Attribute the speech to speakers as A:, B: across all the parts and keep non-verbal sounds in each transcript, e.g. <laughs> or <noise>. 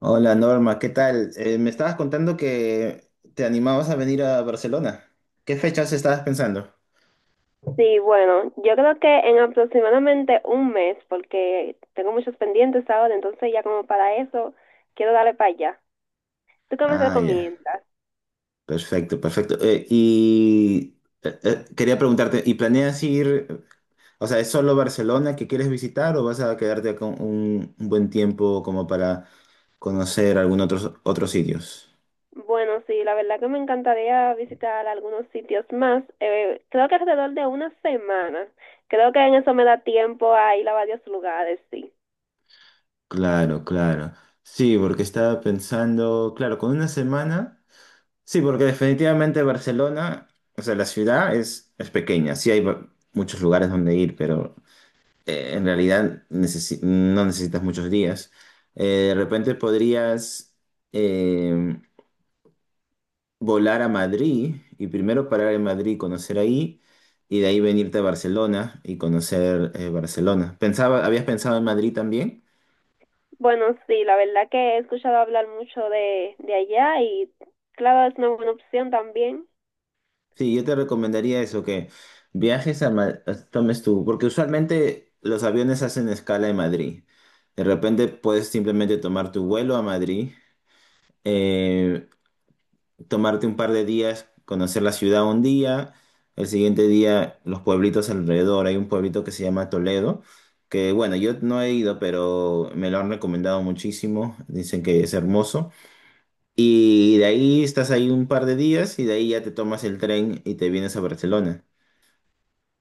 A: Hola Norma, ¿qué tal? Me estabas contando que te animabas a venir a Barcelona. ¿Qué fechas estabas pensando?
B: Sí, bueno, yo creo que en aproximadamente un mes, porque tengo muchos pendientes ahora, entonces ya como para eso quiero darle para allá. ¿Tú qué me
A: Ah, ya.
B: recomiendas?
A: Perfecto, perfecto. Quería preguntarte, ¿y planeas ir, o sea, es solo Barcelona que quieres visitar o vas a quedarte con un buen tiempo como para conocer algunos otros sitios?
B: Bueno, sí, la verdad que me encantaría visitar algunos sitios más. Creo que alrededor de una semana. Creo que en eso me da tiempo a ir a varios lugares, sí.
A: Claro, claro. Sí, porque estaba pensando, claro, con una semana. Sí, porque definitivamente Barcelona, o sea, la ciudad es pequeña, sí hay muchos lugares donde ir, pero en realidad no necesitas muchos días. De repente podrías eh, volar a Madrid y primero parar en Madrid, conocer ahí, y de ahí venirte a Barcelona y conocer Barcelona. Pensaba, ¿habías pensado en Madrid también?
B: Bueno, sí, la verdad que he escuchado hablar mucho de allá y claro, es una buena opción también.
A: Sí, yo te recomendaría eso, que viajes a tomes tú, porque usualmente los aviones hacen escala en Madrid. De repente puedes simplemente tomar tu vuelo a Madrid, eh, tomarte un par de días, conocer la ciudad un día, el siguiente día los pueblitos alrededor. Hay un pueblito que se llama Toledo, que bueno, yo no he ido, pero me lo han recomendado muchísimo, dicen que es hermoso. Y de ahí estás ahí un par de días y de ahí ya te tomas el tren y te vienes a Barcelona.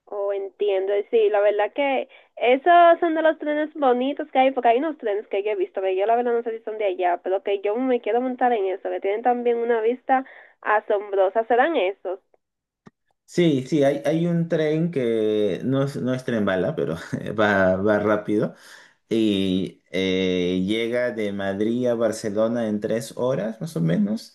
B: Oh, entiendo. Sí, la verdad que esos son de los trenes bonitos que hay, porque hay unos trenes que yo he visto, que yo la verdad no sé si son de allá, pero que yo me quiero montar en eso, que tienen también una vista asombrosa. ¿Serán esos?
A: Sí, hay un tren que no es tren bala, pero <laughs> va rápido, y llega de Madrid a Barcelona en 3 horas, más o menos.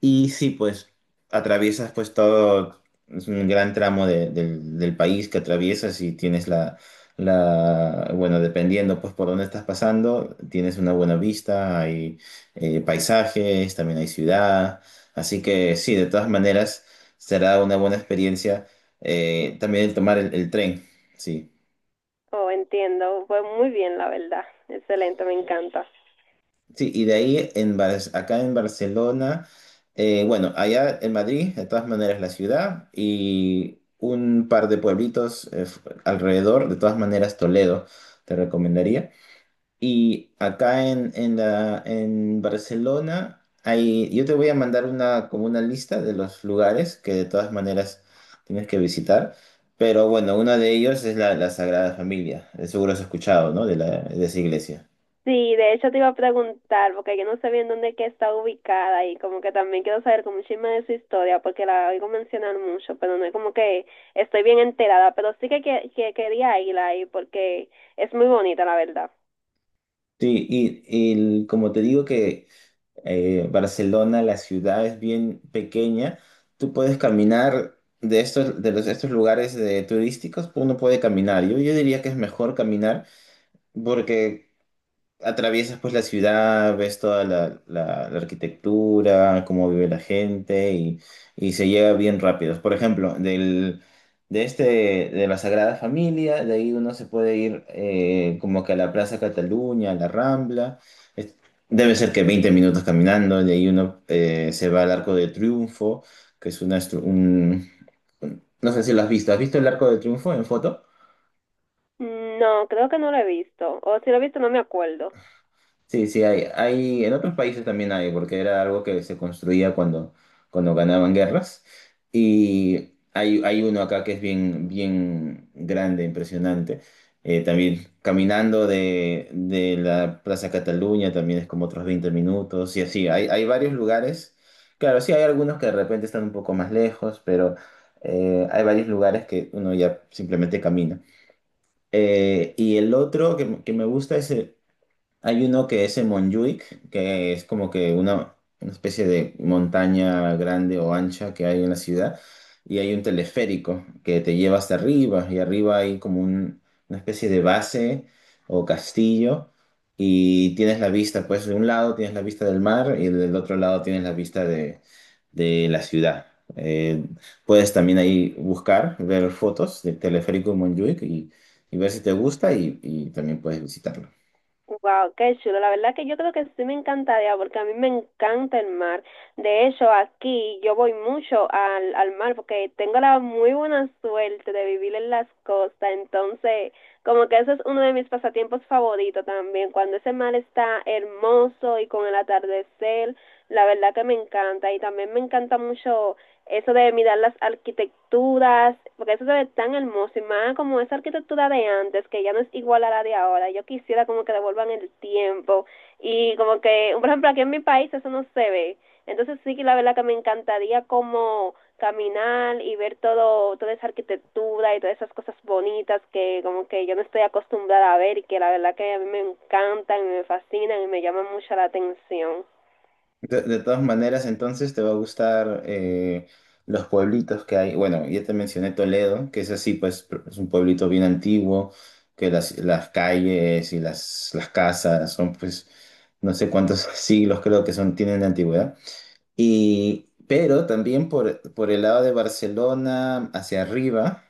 A: Y sí, pues atraviesas pues todo, es un gran tramo del país que atraviesas y tienes bueno, dependiendo pues por dónde estás pasando, tienes una buena vista, hay paisajes, también hay ciudad. Así que sí, de todas maneras será una buena experiencia también el tomar el tren, sí.
B: Oh, entiendo. Pues muy bien, la verdad. Excelente, me encanta.
A: Sí, y de ahí en acá en Barcelona, bueno, allá en Madrid, de todas maneras la ciudad y un par de pueblitos alrededor, de todas maneras Toledo te recomendaría. Y acá en Barcelona, yo te voy a mandar como una lista de los lugares que de todas maneras tienes que visitar, pero bueno, uno de ellos es la Sagrada Familia, seguro has escuchado, ¿no? De esa iglesia.
B: Sí, de hecho te iba a preguntar, porque yo no sé bien dónde es que está ubicada y como que también quiero saber como un chisme de su historia, porque la oigo mencionar mucho, pero no es como que estoy bien enterada, pero sí que quería ir ahí porque es muy bonita, la verdad.
A: Sí, y como te digo que Barcelona, la ciudad es bien pequeña, tú puedes caminar de estos, de los, estos lugares de turísticos, uno puede caminar. Yo diría que es mejor caminar porque atraviesas pues la ciudad, ves toda la arquitectura, cómo vive la gente y se llega bien rápido. Por ejemplo, de la Sagrada Familia, de ahí uno se puede ir como que a la Plaza Cataluña, a la Rambla. Es- debe ser que 20 minutos caminando, de ahí uno se va al Arco de Triunfo, que es una... estru- un- no sé si lo has visto. ¿Has visto el Arco de Triunfo en foto?
B: No, creo que no lo he visto, o si lo he visto no me acuerdo.
A: Sí, en otros países también hay, porque era algo que se construía cuando ganaban guerras. Y hay uno acá que es bien, bien grande, impresionante. También caminando de la Plaza Cataluña también es como otros 20 minutos y así. Hay varios lugares. Claro, sí, hay algunos que de repente están un poco más lejos, pero hay varios lugares que uno ya simplemente camina. Y el otro que me gusta es el hay uno que es en Montjuic, que es como que una especie de montaña grande o ancha que hay en la ciudad, y hay un teleférico que te lleva hasta arriba, y arriba hay como una especie de base o castillo, y tienes la vista, pues de un lado tienes la vista del mar y del otro lado tienes la vista de la ciudad. Eh, puedes también ahí buscar, ver fotos del teleférico en Montjuic y ver si te gusta y también puedes visitarlo.
B: Wow, qué chulo. La verdad que yo creo que sí me encantaría porque a mí me encanta el mar. De hecho, aquí yo voy mucho al mar porque tengo la muy buena suerte de vivir en las costas. Entonces, como que ese es uno de mis pasatiempos favoritos también, cuando ese mar está hermoso y con el atardecer, la verdad que me encanta y también me encanta mucho eso de mirar las arquitecturas, porque eso se ve tan hermoso y más como esa arquitectura de antes, que ya no es igual a la de ahora. Yo quisiera como que devuelvan el tiempo y como que, por ejemplo, aquí en mi país eso no se ve, entonces sí que la verdad que me encantaría como caminar y ver todo, toda esa arquitectura y todas esas cosas bonitas que como que yo no estoy acostumbrada a ver y que la verdad que a mí me encantan y me fascinan y me llaman mucho la atención.
A: De todas maneras, entonces te va a gustar los pueblitos que hay. Bueno, ya te mencioné Toledo, que es así, pues es un pueblito bien antiguo, que las calles y las casas son pues no sé cuántos <laughs> siglos creo que son, tienen de antigüedad. Pero también por el lado de Barcelona, hacia arriba,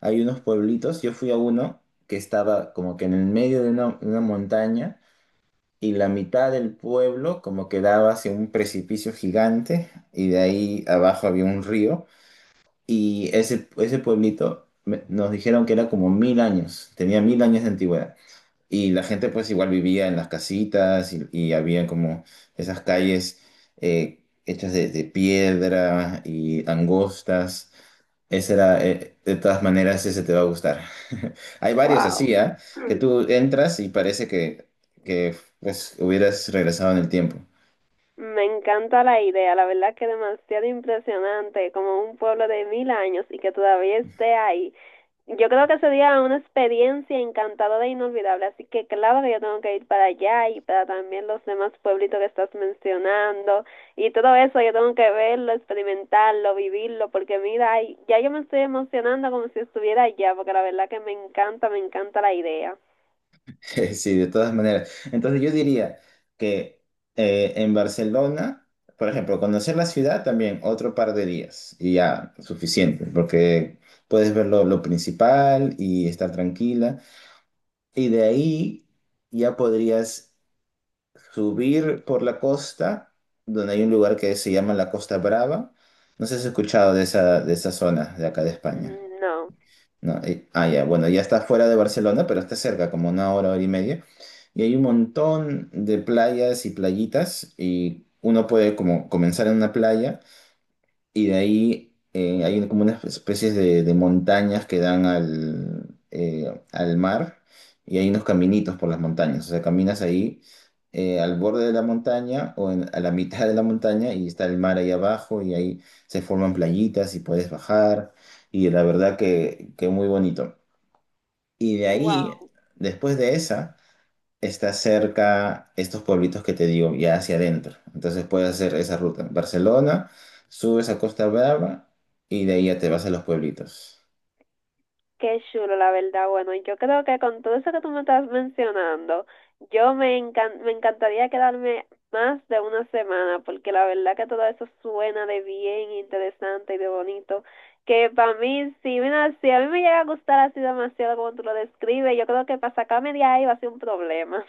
A: hay unos pueblitos. Yo fui a uno que estaba como que en el medio de una montaña y la mitad del pueblo como que daba hacia un precipicio gigante y de ahí abajo había un río y ese pueblito nos dijeron que era como 1.000 años, tenía 1.000 años de antigüedad. Y la gente pues igual vivía en las casitas y había como esas calles hechas de piedra y angostas. Ese era, de todas maneras, ese te va a gustar. <laughs> Hay varios
B: Wow.
A: así, ¿ah? Que
B: <clears throat>
A: tú entras y parece que pues hubieras regresado en el tiempo.
B: Me encanta la idea, la verdad que demasiado impresionante, como un pueblo de 1000 años y que todavía esté ahí. Yo creo que sería una experiencia encantadora e inolvidable, así que claro que yo tengo que ir para allá y para también los demás pueblitos que estás mencionando, y todo eso yo tengo que verlo, experimentarlo, vivirlo, porque mira, ay, ya yo me estoy emocionando como si estuviera allá, porque la verdad que me encanta la idea.
A: <laughs> Sí, de todas maneras. Entonces yo diría que en Barcelona, por ejemplo, conocer la ciudad también otro par de días y ya suficiente, porque puedes ver lo principal y estar tranquila. Y de ahí ya podrías subir por la costa, donde hay un lugar que se llama la Costa Brava. No sé si has escuchado de esa zona de acá de España.
B: Mm, no.
A: No, ya, bueno, ya está fuera de Barcelona, pero está cerca, como una hora, hora y media. Y hay un montón de playas y playitas, y uno puede como comenzar en una playa, y de ahí hay como unas especies de montañas que dan al mar, y hay unos caminitos por las montañas. O sea, caminas ahí al borde de la montaña o a la mitad de la montaña, y está el mar ahí abajo, y ahí se forman playitas y puedes bajar, y la verdad que muy bonito. Y de ahí,
B: Wow.
A: después de esa, está cerca estos pueblitos que te digo, ya hacia adentro. Entonces puedes hacer esa ruta. Barcelona, subes a Costa Brava y de ahí ya te vas a los pueblitos.
B: Qué chulo, la verdad. Bueno, yo creo que con todo eso que tú me estás mencionando, me encantaría quedarme más de una semana, porque la verdad que todo eso suena de bien interesante y de bonito. Que para mí, si, mira, si a mí me llega a gustar así demasiado como tú lo describes, yo creo que para sacarme de ahí va a ser un problema.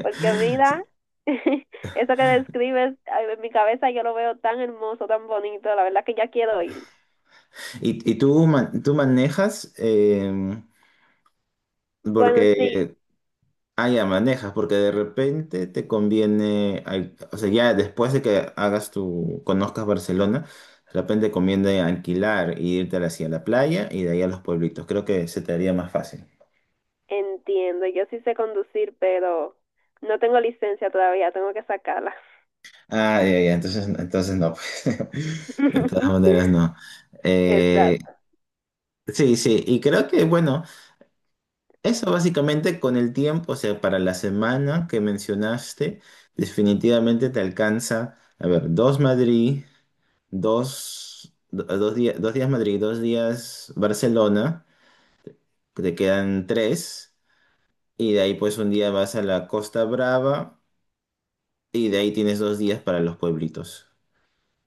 B: Porque mira, <laughs> eso que describes ay, en mi cabeza yo lo veo tan hermoso, tan bonito, la verdad que ya quiero ir.
A: ¿Y tú manejas?
B: Bueno, sí.
A: Porque, ah, ya manejas, porque de repente te conviene, o sea, ya después de que hagas conozcas Barcelona, de repente conviene alquilar y irte hacia la playa y de ahí a los pueblitos. Creo que se te haría más fácil.
B: Entiendo, yo sí sé conducir, pero no tengo licencia todavía, tengo que sacarla.
A: Ah, ya, ya, entonces, no, pues. <laughs> De todas
B: <laughs>
A: maneras, no. Eh,
B: Exacto.
A: sí, sí, y creo que, bueno, eso básicamente con el tiempo, o sea, para la semana que mencionaste, definitivamente te alcanza, a ver, dos Madrid, 2 días, 2 días Madrid, 2 días Barcelona, que te quedan tres, y de ahí pues un día vas a la Costa Brava, y de ahí tienes 2 días para los pueblitos,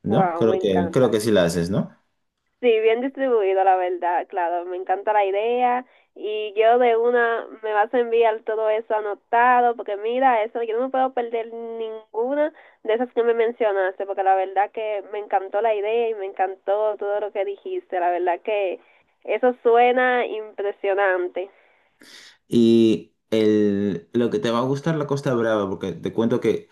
A: ¿no?
B: Wow,
A: Creo
B: me
A: que,
B: encanta.
A: creo que sí la
B: Sí,
A: haces, ¿no?
B: sí, bien distribuido, la verdad, claro, me encanta la idea y yo de una me vas a enviar todo eso anotado, porque mira, eso, yo no me puedo perder ninguna de esas que me mencionaste, porque la verdad que me encantó la idea y me encantó todo lo que dijiste, la verdad que eso suena impresionante.
A: Y lo que te va a gustar la Costa Brava, porque te cuento que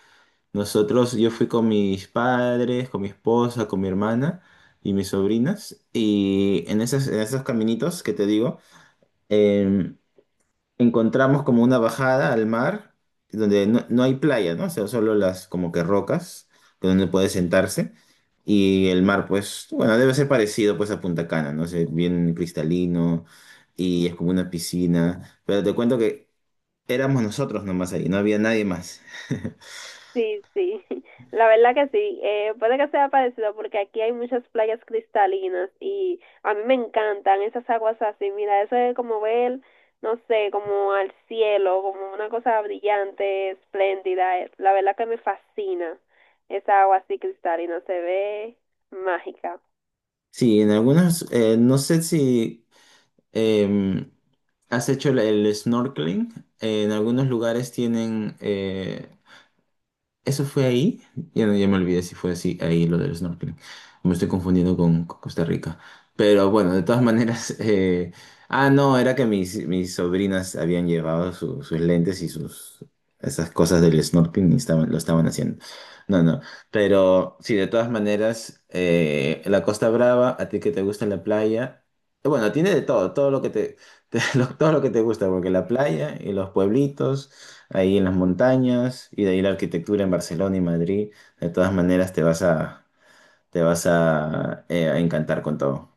A: nosotros, yo fui con mis padres, con mi esposa, con mi hermana y mis sobrinas, y en esos caminitos que te digo, em, encontramos como una bajada al mar, donde no hay playa, ¿no? O sea, solo las como que rocas, que donde puede sentarse, y el mar, pues, bueno, debe ser parecido pues a Punta Cana, ¿no? sé bien cristalino, y es como una piscina. Pero te cuento que éramos nosotros nomás ahí, no había nadie más. <laughs>
B: Sí, sí, <laughs> la verdad que sí. Puede que sea parecido porque aquí hay muchas playas cristalinas y a mí me encantan esas aguas así. Mira, eso es como ver, no sé, como al cielo, como una cosa brillante, espléndida. La verdad que me fascina esa agua así cristalina, se ve mágica.
A: Sí, en algunos, no sé si em, has hecho el snorkeling. En algunos lugares tienen. Eso fue ahí. Ya, ya me olvidé si fue así ahí lo del snorkeling. Me estoy confundiendo con Costa Rica. Pero bueno, de todas <laughs> maneras. Ah, no, era que mis sobrinas habían llevado sus lentes y sus esas cosas del snorkeling y lo estaban haciendo. No, no. Pero sí, de todas maneras, la Costa Brava, a ti que te gusta la playa. Bueno, tiene de todo, todo lo que te, <laughs> todo lo que te gusta, porque la playa
B: <laughs>
A: y los pueblitos ahí en las montañas y de ahí la arquitectura en Barcelona y Madrid. De todas maneras te vas a encantar con todo.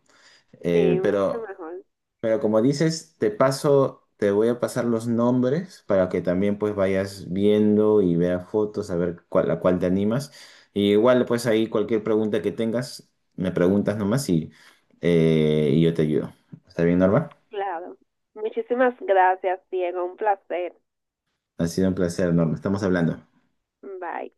B: Sí,
A: Eh,
B: mucho
A: pero,
B: mejor,
A: pero como dices, te voy a pasar los nombres para que también pues vayas viendo y veas fotos, a ver a cuál te animas. Y igual pues ahí cualquier pregunta que tengas, me preguntas nomás y yo te ayudo. ¿Está bien, Norma?
B: claro. Muchísimas gracias, Diego, un placer.
A: Ha sido un placer, Norma. Estamos hablando.
B: Bye.